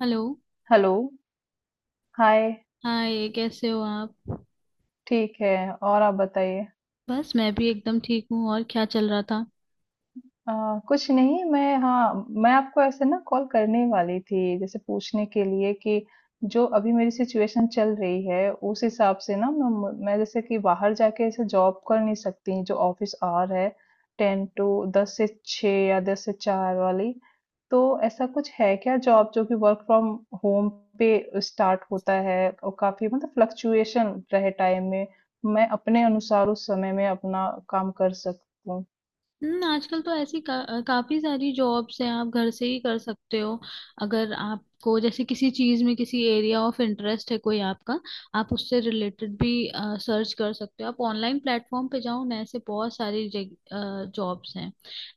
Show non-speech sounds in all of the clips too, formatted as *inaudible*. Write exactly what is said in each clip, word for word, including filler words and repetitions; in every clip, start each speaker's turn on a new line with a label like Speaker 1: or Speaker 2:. Speaker 1: Hello.
Speaker 2: Hello! Hi,
Speaker 1: hi, कैसे हो आप।
Speaker 2: ठीक है। और आप बताइए?
Speaker 1: बस मैं भी एकदम ठीक हूँ। और क्या चल रहा था।
Speaker 2: अ, कुछ नहीं मैं हाँ, मैं आपको ऐसे ना कॉल करने वाली थी, जैसे पूछने के लिए कि जो अभी मेरी सिचुएशन चल रही है, उस हिसाब से ना मैं म मैं जैसे कि बाहर जाके ऐसे जॉब कर नहीं सकती, जो ऑफ़िस आवर है टेन टू टेन से छह या टेन से चार वाली। तो ऐसा कुछ है क्या जॉब जो कि वर्क फ्रॉम होम पे स्टार्ट होता है और काफ़ी मतलब फ्लक्चुएशन रहे टाइम में, मैं अपने अनुसार उस समय में अपना काम कर सकूँ?
Speaker 1: हम्म, आजकल तो ऐसी का, काफी सारी जॉब्स हैं, आप घर से ही कर सकते हो। अगर आपको जैसे किसी चीज में किसी एरिया ऑफ इंटरेस्ट है कोई आपका, आप उससे रिलेटेड भी सर्च कर सकते हो। आप ऑनलाइन प्लेटफॉर्म पे जाओ ना, ऐसे बहुत सारी जॉब्स हैं।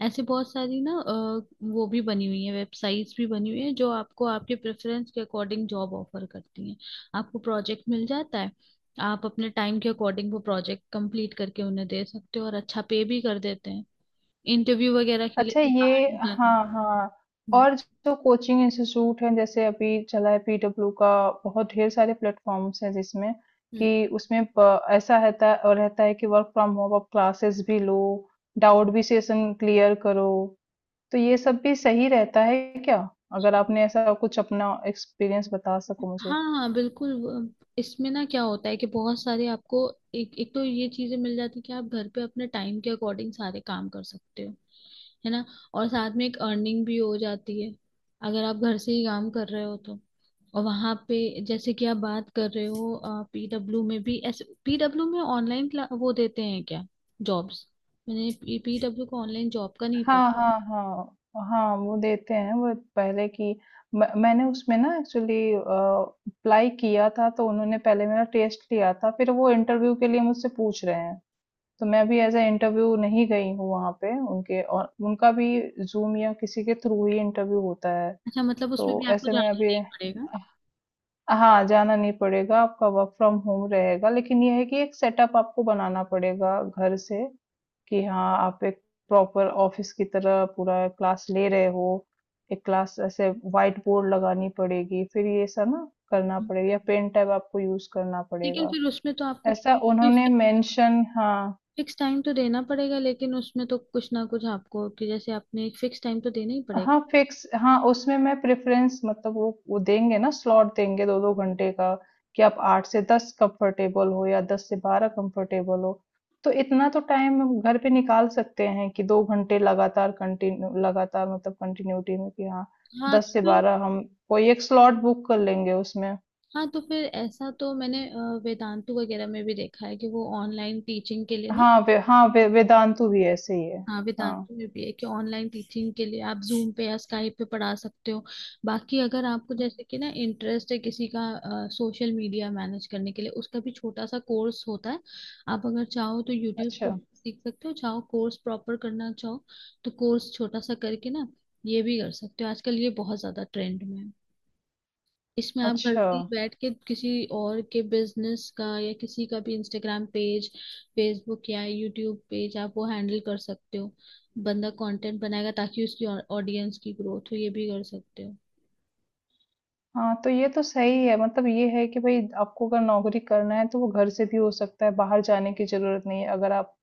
Speaker 1: ऐसे बहुत सारी ना अ, वो भी बनी हुई है, वेबसाइट्स भी बनी हुई है जो आपको आपके प्रेफरेंस के अकॉर्डिंग जॉब ऑफर करती हैं। आपको प्रोजेक्ट मिल जाता है, आप अपने टाइम के अकॉर्डिंग वो प्रोजेक्ट कंप्लीट करके उन्हें दे सकते हो, और अच्छा पे भी कर देते हैं। इंटरव्यू वगैरह के लिए
Speaker 2: अच्छा
Speaker 1: भी
Speaker 2: ये
Speaker 1: बाहर नहीं
Speaker 2: हाँ
Speaker 1: जाता।
Speaker 2: हाँ।
Speaker 1: हम्म।
Speaker 2: और जो कोचिंग इंस्टीट्यूट है जैसे अभी चला है पीडब्ल्यू का बहुत ढेर सारे प्लेटफॉर्म्स हैं जिसमें
Speaker 1: हम्म।
Speaker 2: कि उसमें प- ऐसा रहता है और रहता है कि वर्क फ्रॉम होम आप क्लासेस भी लो डाउट भी सेशन क्लियर करो। तो ये सब भी सही रहता है क्या? अगर आपने ऐसा कुछ अपना एक्सपीरियंस बता सको मुझे।
Speaker 1: हाँ हाँ बिल्कुल वो-। इसमें ना क्या होता है कि बहुत सारे आपको एक एक तो ये चीजें मिल जाती कि आप घर पे अपने टाइम के अकॉर्डिंग सारे काम कर सकते हो, है ना। और साथ में एक अर्निंग भी हो जाती है अगर आप घर से ही काम कर रहे हो तो। और वहां पे जैसे कि आप बात कर रहे हो पीडब्ल्यू में भी, ऐसे पीडब्ल्यू में ऑनलाइन वो देते हैं क्या जॉब्स? मैंने पीडब्ल्यू को ऑनलाइन जॉब का नहीं पता।
Speaker 2: हाँ, हाँ, हाँ। हाँ, वो देते हैं वो पहले की म मैंने उसमें ना एक्चुअली अ, अप्लाई किया था तो उन्होंने पहले मेरा टेस्ट लिया था, फिर वो इंटरव्यू के लिए मुझसे पूछ रहे हैं। तो मैं भी एज़ अ इंटरव्यू नहीं गई हूँ वहाँ पे उनके और उनका भी ज़ूम या किसी के थ्रू ही इंटरव्यू होता है।
Speaker 1: अच्छा, मतलब उसमें भी
Speaker 2: तो
Speaker 1: आपको
Speaker 2: ऐसे में
Speaker 1: जाना
Speaker 2: अभी
Speaker 1: नहीं पड़ेगा।
Speaker 2: हाँ, जाना नहीं पड़ेगा, आपका वर्क फ्रॉम होम रहेगा, लेकिन ये है कि एक सेटअप आपको बनाना पड़ेगा घर से। कि हाँ, आप एक प्रॉपर ऑफिस की तरह पूरा क्लास ले रहे हो। एक क्लास ऐसे व्हाइट बोर्ड लगानी पड़ेगी, फिर ये सब ना करना पड़ेगा या पेन टैब आपको यूज़ करना
Speaker 1: लेकिन
Speaker 2: पड़ेगा।
Speaker 1: फिर उसमें तो आपको
Speaker 2: ऐसा
Speaker 1: कोई
Speaker 2: उन्होंने
Speaker 1: फिक्स
Speaker 2: मेंशन, हाँ।
Speaker 1: फिक्स टाइम तो देना पड़ेगा। लेकिन उसमें तो कुछ ना कुछ आपको कि जैसे आपने एक फिक्स टाइम तो देना ही पड़ेगा।
Speaker 2: हाँ फिक्स हाँ उसमें मैं प्रेफरेंस मतलब वो वो देंगे ना स्लॉट देंगे दो दो घंटे का। कि आप आठ से दस कंफर्टेबल हो या दस से बारह कंफर्टेबल हो। तो इतना तो टाइम हम घर पे निकाल सकते हैं कि दो घंटे लगातार कंटिन्यू लगातार मतलब कंटिन्यूटी में कि हाँ
Speaker 1: हाँ तो
Speaker 2: दस से
Speaker 1: फिर,
Speaker 2: बारह हम कोई एक स्लॉट बुक कर लेंगे उसमें।
Speaker 1: हाँ तो फिर ऐसा तो मैंने अ, वेदांतु वगैरह में भी देखा है कि वो ऑनलाइन टीचिंग के लिए ना।
Speaker 2: हाँ वे, हाँ वे, वेदांतु भी ऐसे ही है।
Speaker 1: हाँ
Speaker 2: हाँ।
Speaker 1: वेदांतों में भी है कि ऑनलाइन टीचिंग के लिए आप जूम पे या स्काइप पे पढ़ा सकते हो। बाकी अगर आपको जैसे कि ना इंटरेस्ट है किसी का, सोशल मीडिया मैनेज करने के लिए उसका भी छोटा सा कोर्स होता है। आप अगर चाहो तो यूट्यूब
Speaker 2: अच्छा।
Speaker 1: से सीख सकते हो, चाहो कोर्स प्रॉपर करना चाहो तो कोर्स छोटा सा करके ना ये भी कर सकते हो। आजकल ये बहुत ज्यादा ट्रेंड में है। इसमें आप घर
Speaker 2: अच्छा।
Speaker 1: से ही बैठ के किसी और के बिजनेस का या किसी का भी इंस्टाग्राम पेज, फेसबुक या यूट्यूब पेज आप वो हैंडल कर सकते हो। बंदा कंटेंट बनाएगा ताकि उसकी ऑडियंस की ग्रोथ हो, ये भी कर सकते हो।
Speaker 2: हाँ, तो ये तो सही है मतलब ये है कि भई आपको अगर नौकरी करना है तो वो घर से भी हो सकता है, बाहर जाने की ज़रूरत नहीं है। अगर आप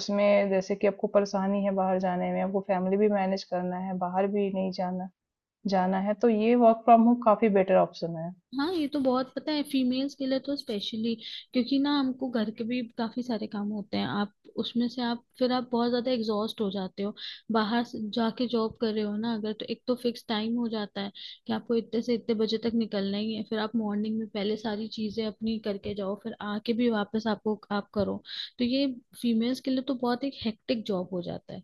Speaker 2: उसमें जैसे कि आपको परेशानी है बाहर जाने में, आपको फैमिली भी मैनेज करना है, बाहर भी नहीं जाना जाना है, तो ये वर्क फ्रॉम होम काफ़ी बेटर ऑप्शन है।
Speaker 1: हाँ ये तो बहुत पता है, फीमेल्स के लिए तो स्पेशली, क्योंकि ना हमको घर के भी काफी सारे काम होते हैं। आप उसमें से आप फिर आप बहुत ज्यादा एग्जॉस्ट हो जाते हो। बाहर से जाके जॉब कर रहे हो ना अगर, तो एक तो फिक्स टाइम हो जाता है कि आपको इतने से इतने बजे तक निकलना ही है। फिर आप मॉर्निंग में पहले सारी चीजें अपनी करके जाओ, फिर आके भी वापस आपको आप करो। तो ये फीमेल्स के लिए तो बहुत एक हेक्टिक जॉब हो जाता है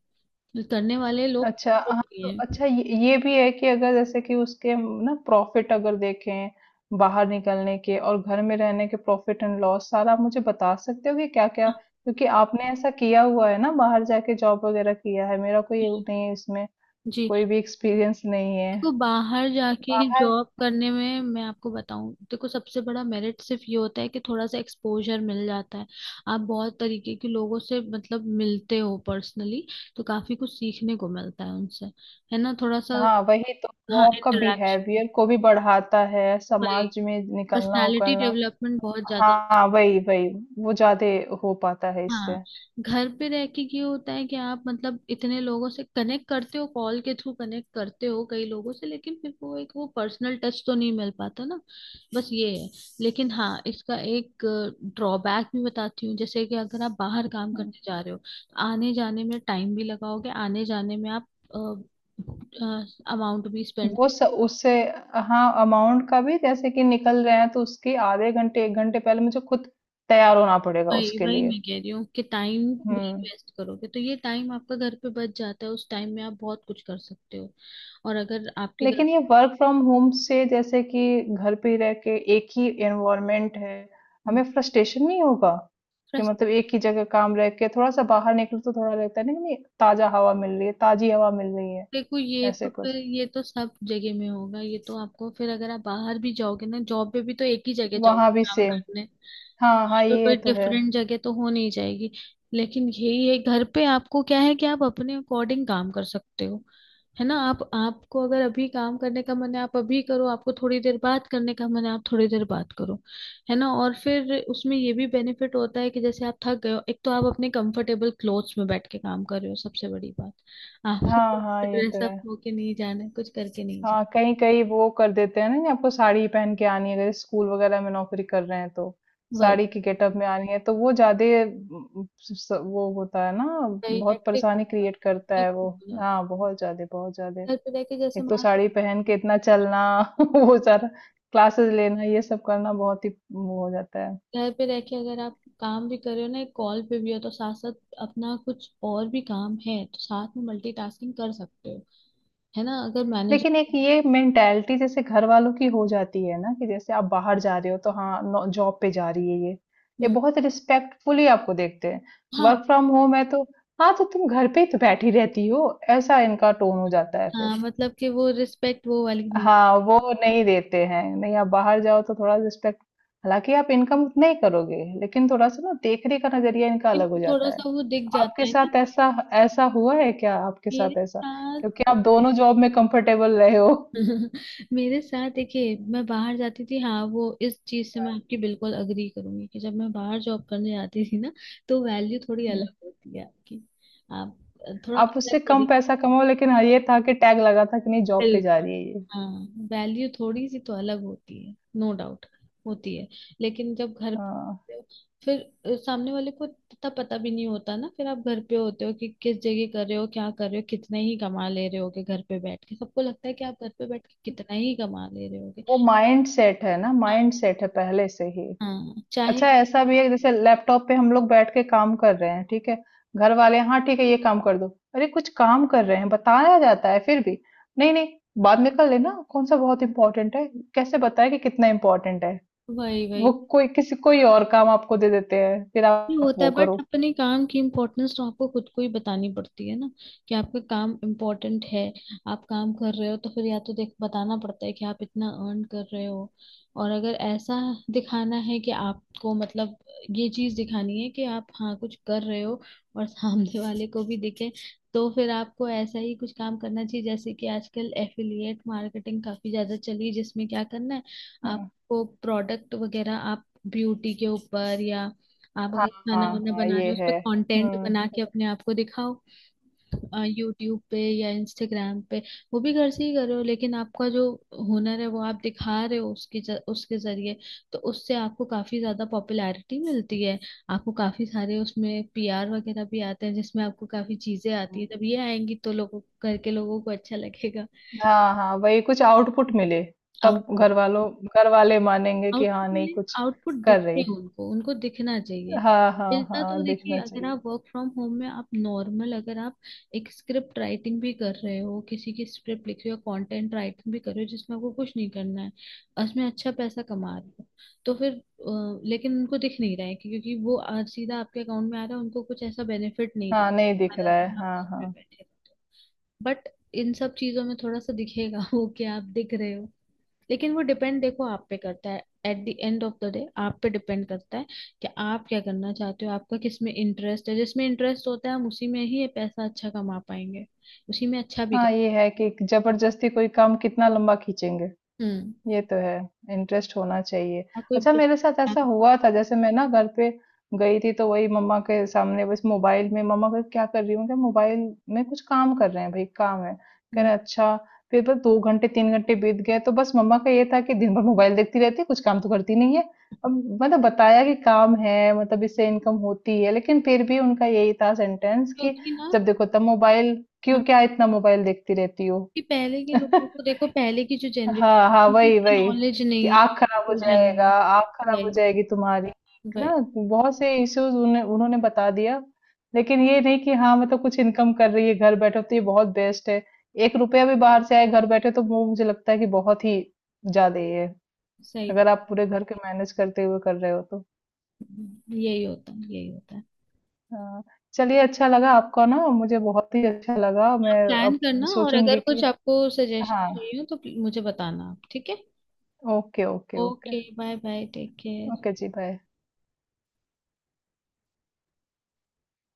Speaker 1: करने वाले लोग
Speaker 2: अच्छा हाँ
Speaker 1: होती
Speaker 2: तो
Speaker 1: हैं।
Speaker 2: अच्छा ये, ये भी है कि अगर जैसे कि उसके हम ना प्रॉफिट अगर देखें बाहर निकलने के और घर में रहने के प्रॉफिट एंड लॉस सारा आप मुझे बता सकते हो कि क्या क्या
Speaker 1: हाँ,
Speaker 2: क्योंकि आपने ऐसा किया हुआ है ना बाहर जाके जॉब वगैरह किया है मेरा कोई वो नहीं है इसमें
Speaker 1: जी।
Speaker 2: कोई भी एक्सपीरियंस नहीं है।
Speaker 1: तो बाहर
Speaker 2: तो
Speaker 1: जाके
Speaker 2: बाहर
Speaker 1: जॉब करने में मैं आपको बताऊं, देखो सबसे बड़ा मेरिट सिर्फ ये होता है कि थोड़ा सा एक्सपोजर मिल जाता है। आप बहुत तरीके के लोगों से मतलब मिलते हो पर्सनली, तो काफी कुछ सीखने को मिलता है उनसे, है ना, थोड़ा सा।
Speaker 2: हाँ वही तो वो
Speaker 1: हाँ,
Speaker 2: आपका
Speaker 1: इंटरेक्शन,
Speaker 2: बिहेवियर को भी बढ़ाता है समाज में निकलना
Speaker 1: पर्सनालिटी
Speaker 2: उकलना।
Speaker 1: डेवलपमेंट बहुत ज्यादा।
Speaker 2: हाँ वही वही वो ज्यादा हो पाता है इससे।
Speaker 1: हाँ। घर पे रह के ये होता है कि आप मतलब इतने लोगों से कनेक्ट करते हो, कॉल के थ्रू कनेक्ट करते हो कई लोगों से, लेकिन फिर वो एक वो पर्सनल टच तो नहीं मिल पाता ना, बस ये है। लेकिन हाँ इसका एक ड्रॉबैक भी बताती हूँ। जैसे कि अगर आप बाहर काम करने जा रहे हो तो आने जाने में टाइम भी लगाओगे, आने जाने में आप अमाउंट भी स्पेंड।
Speaker 2: वो स, उससे हाँ अमाउंट का भी जैसे कि निकल रहे हैं तो उसकी आधे घंटे एक घंटे पहले मुझे खुद तैयार होना पड़ेगा
Speaker 1: वही
Speaker 2: उसके
Speaker 1: वही
Speaker 2: लिए।
Speaker 1: मैं कह रही हूँ कि टाइम भी
Speaker 2: हम्म।
Speaker 1: इन्वेस्ट करोगे, तो ये टाइम आपका घर पे बच जाता है, उस टाइम में आप बहुत कुछ कर सकते हो। और अगर आपके घर,
Speaker 2: लेकिन ये वर्क फ्रॉम होम से जैसे कि घर पे ही रह के एक ही एनवायरनमेंट है
Speaker 1: हम्म,
Speaker 2: हमें फ्रस्ट्रेशन नहीं होगा कि
Speaker 1: बस।
Speaker 2: मतलब एक ही जगह काम रह के थोड़ा सा बाहर निकलो तो थोड़ा लगता है नहीं नहीं ताजा हवा मिल रही है ताजी हवा मिल रही है
Speaker 1: देखो ये
Speaker 2: ऐसे
Speaker 1: तो
Speaker 2: कुछ।
Speaker 1: फिर ये तो सब जगह में होगा, ये तो आपको फिर अगर आप बाहर भी जाओगे ना जॉब पे भी तो एक ही जगह जाओगे
Speaker 2: वहां भी
Speaker 1: काम
Speaker 2: सेम।
Speaker 1: करने,
Speaker 2: हाँ हाँ
Speaker 1: यहाँ तो
Speaker 2: ये
Speaker 1: कोई
Speaker 2: तो है।
Speaker 1: डिफरेंट जगह तो हो नहीं जाएगी। लेकिन यही है घर पे आपको क्या है कि आप अपने अकॉर्डिंग काम कर सकते हो, है ना। आप आपको अगर अभी काम करने का मन है आप अभी करो, आपको थोड़ी देर बाद करने का मन है आप थोड़ी देर बाद करो, है ना। और फिर उसमें ये भी बेनिफिट होता है कि जैसे आप थक गए हो, एक तो आप अपने कंफर्टेबल क्लोथ्स में बैठ के काम कर रहे हो सबसे बड़ी बात, आपको
Speaker 2: हाँ हाँ ये
Speaker 1: ड्रेस
Speaker 2: तो
Speaker 1: अप
Speaker 2: है।
Speaker 1: होके नहीं जाना है, कुछ करके नहीं जाना।
Speaker 2: हाँ कहीं कहीं वो कर देते हैं ना कि आपको साड़ी ही पहन के आनी है अगर स्कूल वगैरह में नौकरी कर रहे हैं तो
Speaker 1: वही
Speaker 2: साड़ी की गेटअप में आनी है तो वो ज्यादा अम, स- वो होता है ना।
Speaker 1: वही
Speaker 2: बहुत
Speaker 1: हेक्टिक हो
Speaker 2: परेशानी
Speaker 1: जाता
Speaker 2: क्रिएट करता
Speaker 1: है,
Speaker 2: है वो।
Speaker 1: हेक्टिक हो
Speaker 2: हाँ
Speaker 1: जाता है।
Speaker 2: बहुत ज्यादा बहुत ज्यादा।
Speaker 1: घर पे रह के जैसे
Speaker 2: एक तो
Speaker 1: मान लो,
Speaker 2: साड़ी पहन के इतना चलना *laughs* वो सारा क्लासेस लेना ये सब करना बहुत ही वो हो जाता है।
Speaker 1: घर पे रह के अगर आप काम भी कर रहे हो ना, एक कॉल पे भी हो तो साथ साथ अपना कुछ और भी काम है तो साथ में मल्टीटास्किंग कर सकते हो, है ना। अगर
Speaker 2: लेकिन एक
Speaker 1: मैनेजर।
Speaker 2: ये मेंटालिटी जैसे घर वालों की हो जाती है ना कि जैसे आप बाहर जा रहे हो तो हाँ जॉब पे जा रही है ये ये
Speaker 1: हम्म।
Speaker 2: बहुत रिस्पेक्टफुली आपको देखते हैं।
Speaker 1: हाँ।
Speaker 2: वर्क फ्रॉम होम है तो हाँ तो तुम घर पे ही तो बैठी रहती हो ऐसा इनका टोन हो जाता है फिर।
Speaker 1: हाँ मतलब कि वो रिस्पेक्ट वो वाली नहीं,
Speaker 2: हाँ वो नहीं देते हैं नहीं आप बाहर जाओ तो थोड़ा रिस्पेक्ट। हालांकि आप इनकम उतना ही करोगे लेकिन थोड़ा सा ना देखने का नजरिया इनका अलग हो
Speaker 1: लेकिन
Speaker 2: जाता
Speaker 1: थोड़ा
Speaker 2: है।
Speaker 1: सा वो दिख जाता
Speaker 2: आपके
Speaker 1: है ना।
Speaker 2: साथ ऐसा ऐसा हुआ है क्या आपके
Speaker 1: मेरे
Speaker 2: साथ ऐसा? क्योंकि आप
Speaker 1: साथ
Speaker 2: दोनों जॉब में कंफर्टेबल रहे हो।
Speaker 1: *laughs* मेरे साथ देखिए, मैं बाहर जाती थी, हाँ वो इस चीज से मैं आपकी बिल्कुल अग्री करूंगी कि जब मैं बाहर जॉब करने जाती थी ना तो वैल्यू थोड़ी
Speaker 2: हुँ,
Speaker 1: अलग होती है आपकी। आप थोड़ा
Speaker 2: आप
Speaker 1: अलग
Speaker 2: उससे कम
Speaker 1: तरीके।
Speaker 2: पैसा कमाओ लेकिन हाँ, ये था कि टैग लगा था कि नहीं जॉब पे जा
Speaker 1: बिल्कुल।
Speaker 2: रही है ये।
Speaker 1: हाँ, वैल्यू थोड़ी सी तो अलग होती है नो डाउट, होती है। लेकिन जब घर
Speaker 2: हाँ,
Speaker 1: पे होते हो, फिर अ, सामने वाले को इतना पता भी नहीं होता ना, फिर आप घर पे होते हो कि किस जगह कर रहे हो, क्या कर रहे हो, कितना ही कमा ले रहे होगे। घर पे बैठ के सबको लगता है कि आप घर पे बैठ के कितना ही कमा ले रहे होगे।
Speaker 2: वो माइंडसेट है ना,
Speaker 1: हाँ।
Speaker 2: माइंडसेट है पहले से ही।
Speaker 1: हाँ चाहे
Speaker 2: अच्छा ऐसा
Speaker 1: आप,
Speaker 2: भी है जैसे लैपटॉप पे हम लोग बैठ के काम कर रहे हैं, ठीक है? घर वाले हाँ ठीक है ये काम कर दो। अरे कुछ काम कर रहे हैं, बताया जाता है फिर भी, नहीं, नहीं बाद में कर लेना, कौन सा बहुत इम्पोर्टेंट है? कैसे बताएँ कि कितना इम्पोर्टेंट है?
Speaker 1: वही वही।
Speaker 2: वो कोई किसी कोई और काम आपको दे देते हैं, फिर
Speaker 1: ये
Speaker 2: आप
Speaker 1: होता है,
Speaker 2: वो
Speaker 1: बट
Speaker 2: करो।
Speaker 1: अपने काम की इम्पोर्टेंस तो आपको खुद को ही बतानी पड़ती है ना कि आपका काम इम्पोर्टेंट है। आप काम कर रहे हो तो फिर या तो देख बताना पड़ता है कि आप इतना अर्न कर रहे हो, और अगर ऐसा दिखाना है कि आपको मतलब ये चीज दिखानी है कि आप हाँ कुछ कर रहे हो और सामने वाले को भी दिखे, तो फिर आपको ऐसा ही कुछ काम करना चाहिए। जैसे कि आजकल एफिलिएट मार्केटिंग काफी ज्यादा चली है, जिसमें क्या करना है आपको प्रोडक्ट वगैरह, आप ब्यूटी के ऊपर या आप
Speaker 2: हाँ,
Speaker 1: अगर खाना
Speaker 2: हाँ,
Speaker 1: वाना
Speaker 2: हाँ,
Speaker 1: बना रहे
Speaker 2: ये
Speaker 1: हो उस पे
Speaker 2: है।
Speaker 1: कंटेंट
Speaker 2: हुँ।
Speaker 1: बना के अपने आप को दिखाओ, यूट्यूब पे या इंस्टाग्राम पे। वो भी घर से ही कर रहे हो लेकिन आपका जो हुनर है वो आप दिखा रहे हो उसकी ज- उसके जरिए। तो उससे आपको काफी ज्यादा पॉपुलैरिटी मिलती है, आपको काफी सारे उसमें पीआर वगैरह भी आते हैं जिसमें आपको काफी चीजें आती है। जब ये आएंगी तो लोगों करके लोगों को अच्छा लगेगा।
Speaker 2: हाँ, हाँ, वही कुछ आउटपुट मिले, तब
Speaker 1: आउट
Speaker 2: घरवालों घरवाले मानेंगे कि हाँ,
Speaker 1: आउटपुट
Speaker 2: नहीं
Speaker 1: मिले,
Speaker 2: कुछ
Speaker 1: आउटपुट
Speaker 2: कर
Speaker 1: दिखते
Speaker 2: रही।
Speaker 1: हैं उनको, उनको दिखना चाहिए।
Speaker 2: हाँ, हाँ,
Speaker 1: मिलता, तो
Speaker 2: हाँ,
Speaker 1: देखिए
Speaker 2: दिखना
Speaker 1: अगर
Speaker 2: चाहिए।
Speaker 1: आप वर्क फ्रॉम होम में आप नॉर्मल अगर आप एक स्क्रिप्ट राइटिंग भी कर रहे हो, किसी की स्क्रिप्ट लिख रहे हो, कंटेंट राइटिंग भी कर रहे हो जिसमें आपको कुछ नहीं करना है, और उसमें अच्छा पैसा कमा रहे हो तो फिर अ, लेकिन उनको दिख नहीं रहा है कि-, क्योंकि वो आ- सीधा आपके अकाउंट में आ रहा है, उनको कुछ ऐसा बेनिफिट नहीं दिख
Speaker 2: हाँ, नहीं
Speaker 1: रहा,
Speaker 2: दिख
Speaker 1: सारा
Speaker 2: रहा है।
Speaker 1: दिन आप
Speaker 2: हाँ,
Speaker 1: घर पे
Speaker 2: हाँ।
Speaker 1: बैठे रहते हो। बट इन सब चीजों में थोड़ा सा दिखेगा *laughs* वो कि आप दिख रहे हो। लेकिन वो डिपेंड देखो आप पे करता है, at the end of the day आप पे डिपेंड करता है कि आप क्या करना चाहते हो, आपका किस में इंटरेस्ट है। जिसमें इंटरेस्ट होता है हम उसी में ही ये पैसा अच्छा कमा पाएंगे, उसी में अच्छा भी कर।
Speaker 2: हाँ, ये है कि जबरदस्ती कोई काम कितना लंबा खींचेंगे।
Speaker 1: हम्म।
Speaker 2: ये तो है, इंटरेस्ट होना चाहिए।
Speaker 1: ना कोई
Speaker 2: अच्छा
Speaker 1: business
Speaker 2: मेरे साथ ऐसा
Speaker 1: plan।
Speaker 2: हुआ था जैसे मैं ना घर पे गई थी तो वही मम्मा के सामने बस मोबाइल में मम्मा कहे क्या कर रही हूँ? मैं कहा मोबाइल में कुछ काम कर रहे हैं भाई काम है। कह
Speaker 1: हम्म।
Speaker 2: रहे अच्छा फिर बस दो घंटे तीन घंटे बीत गए तो बस मम्मा का ये था कि दिन भर मोबाइल देखती रहती है कुछ काम तो करती नहीं है। अब मतलब बताया कि काम है मतलब इससे इनकम होती है लेकिन फिर भी उनका यही था सेंटेंस कि
Speaker 1: क्योंकि ना,
Speaker 2: जब देखो तब मोबाइल क्यों
Speaker 1: हाँ
Speaker 2: क्या इतना मोबाइल देखती रहती हो?
Speaker 1: कि पहले के
Speaker 2: *laughs*
Speaker 1: लोगों को देखो, पहले की जो
Speaker 2: हाँ
Speaker 1: जनरेशन है
Speaker 2: हाँ
Speaker 1: उनको
Speaker 2: वही
Speaker 1: इतना
Speaker 2: वही
Speaker 1: नॉलेज
Speaker 2: कि
Speaker 1: नहीं है,
Speaker 2: आँख खराब हो
Speaker 1: एक्सपोजर नहीं
Speaker 2: जाएगा
Speaker 1: है।
Speaker 2: आँख खराब हो
Speaker 1: वही
Speaker 2: जाएगी तुम्हारी
Speaker 1: वही।
Speaker 2: ना। बहुत से इश्यूज उन्हें उन्होंने बता दिया लेकिन ये नहीं कि हाँ मतलब कुछ इनकम कर रही है घर बैठे तो ये बहुत बेस्ट है। एक रुपया भी बाहर से आए घर बैठे तो वो मुझे लगता है कि बहुत ही ज्यादा ही है
Speaker 1: सही बात
Speaker 2: अगर आप पूरे घर के मैनेज करते हुए कर रहे हो तो।
Speaker 1: है। यही होता है, यही होता है।
Speaker 2: हाँ चलिए अच्छा लगा आपका ना मुझे बहुत ही अच्छा लगा
Speaker 1: आप
Speaker 2: मैं
Speaker 1: प्लान
Speaker 2: अब
Speaker 1: करना, और अगर
Speaker 2: सोचूंगी कि
Speaker 1: कुछ आपको सजेशन
Speaker 2: हाँ।
Speaker 1: चाहिए हो तो मुझे बताना आप, ठीक है।
Speaker 2: Okay okay okay.
Speaker 1: Okay bye bye, take care.
Speaker 2: Okay जी बाय।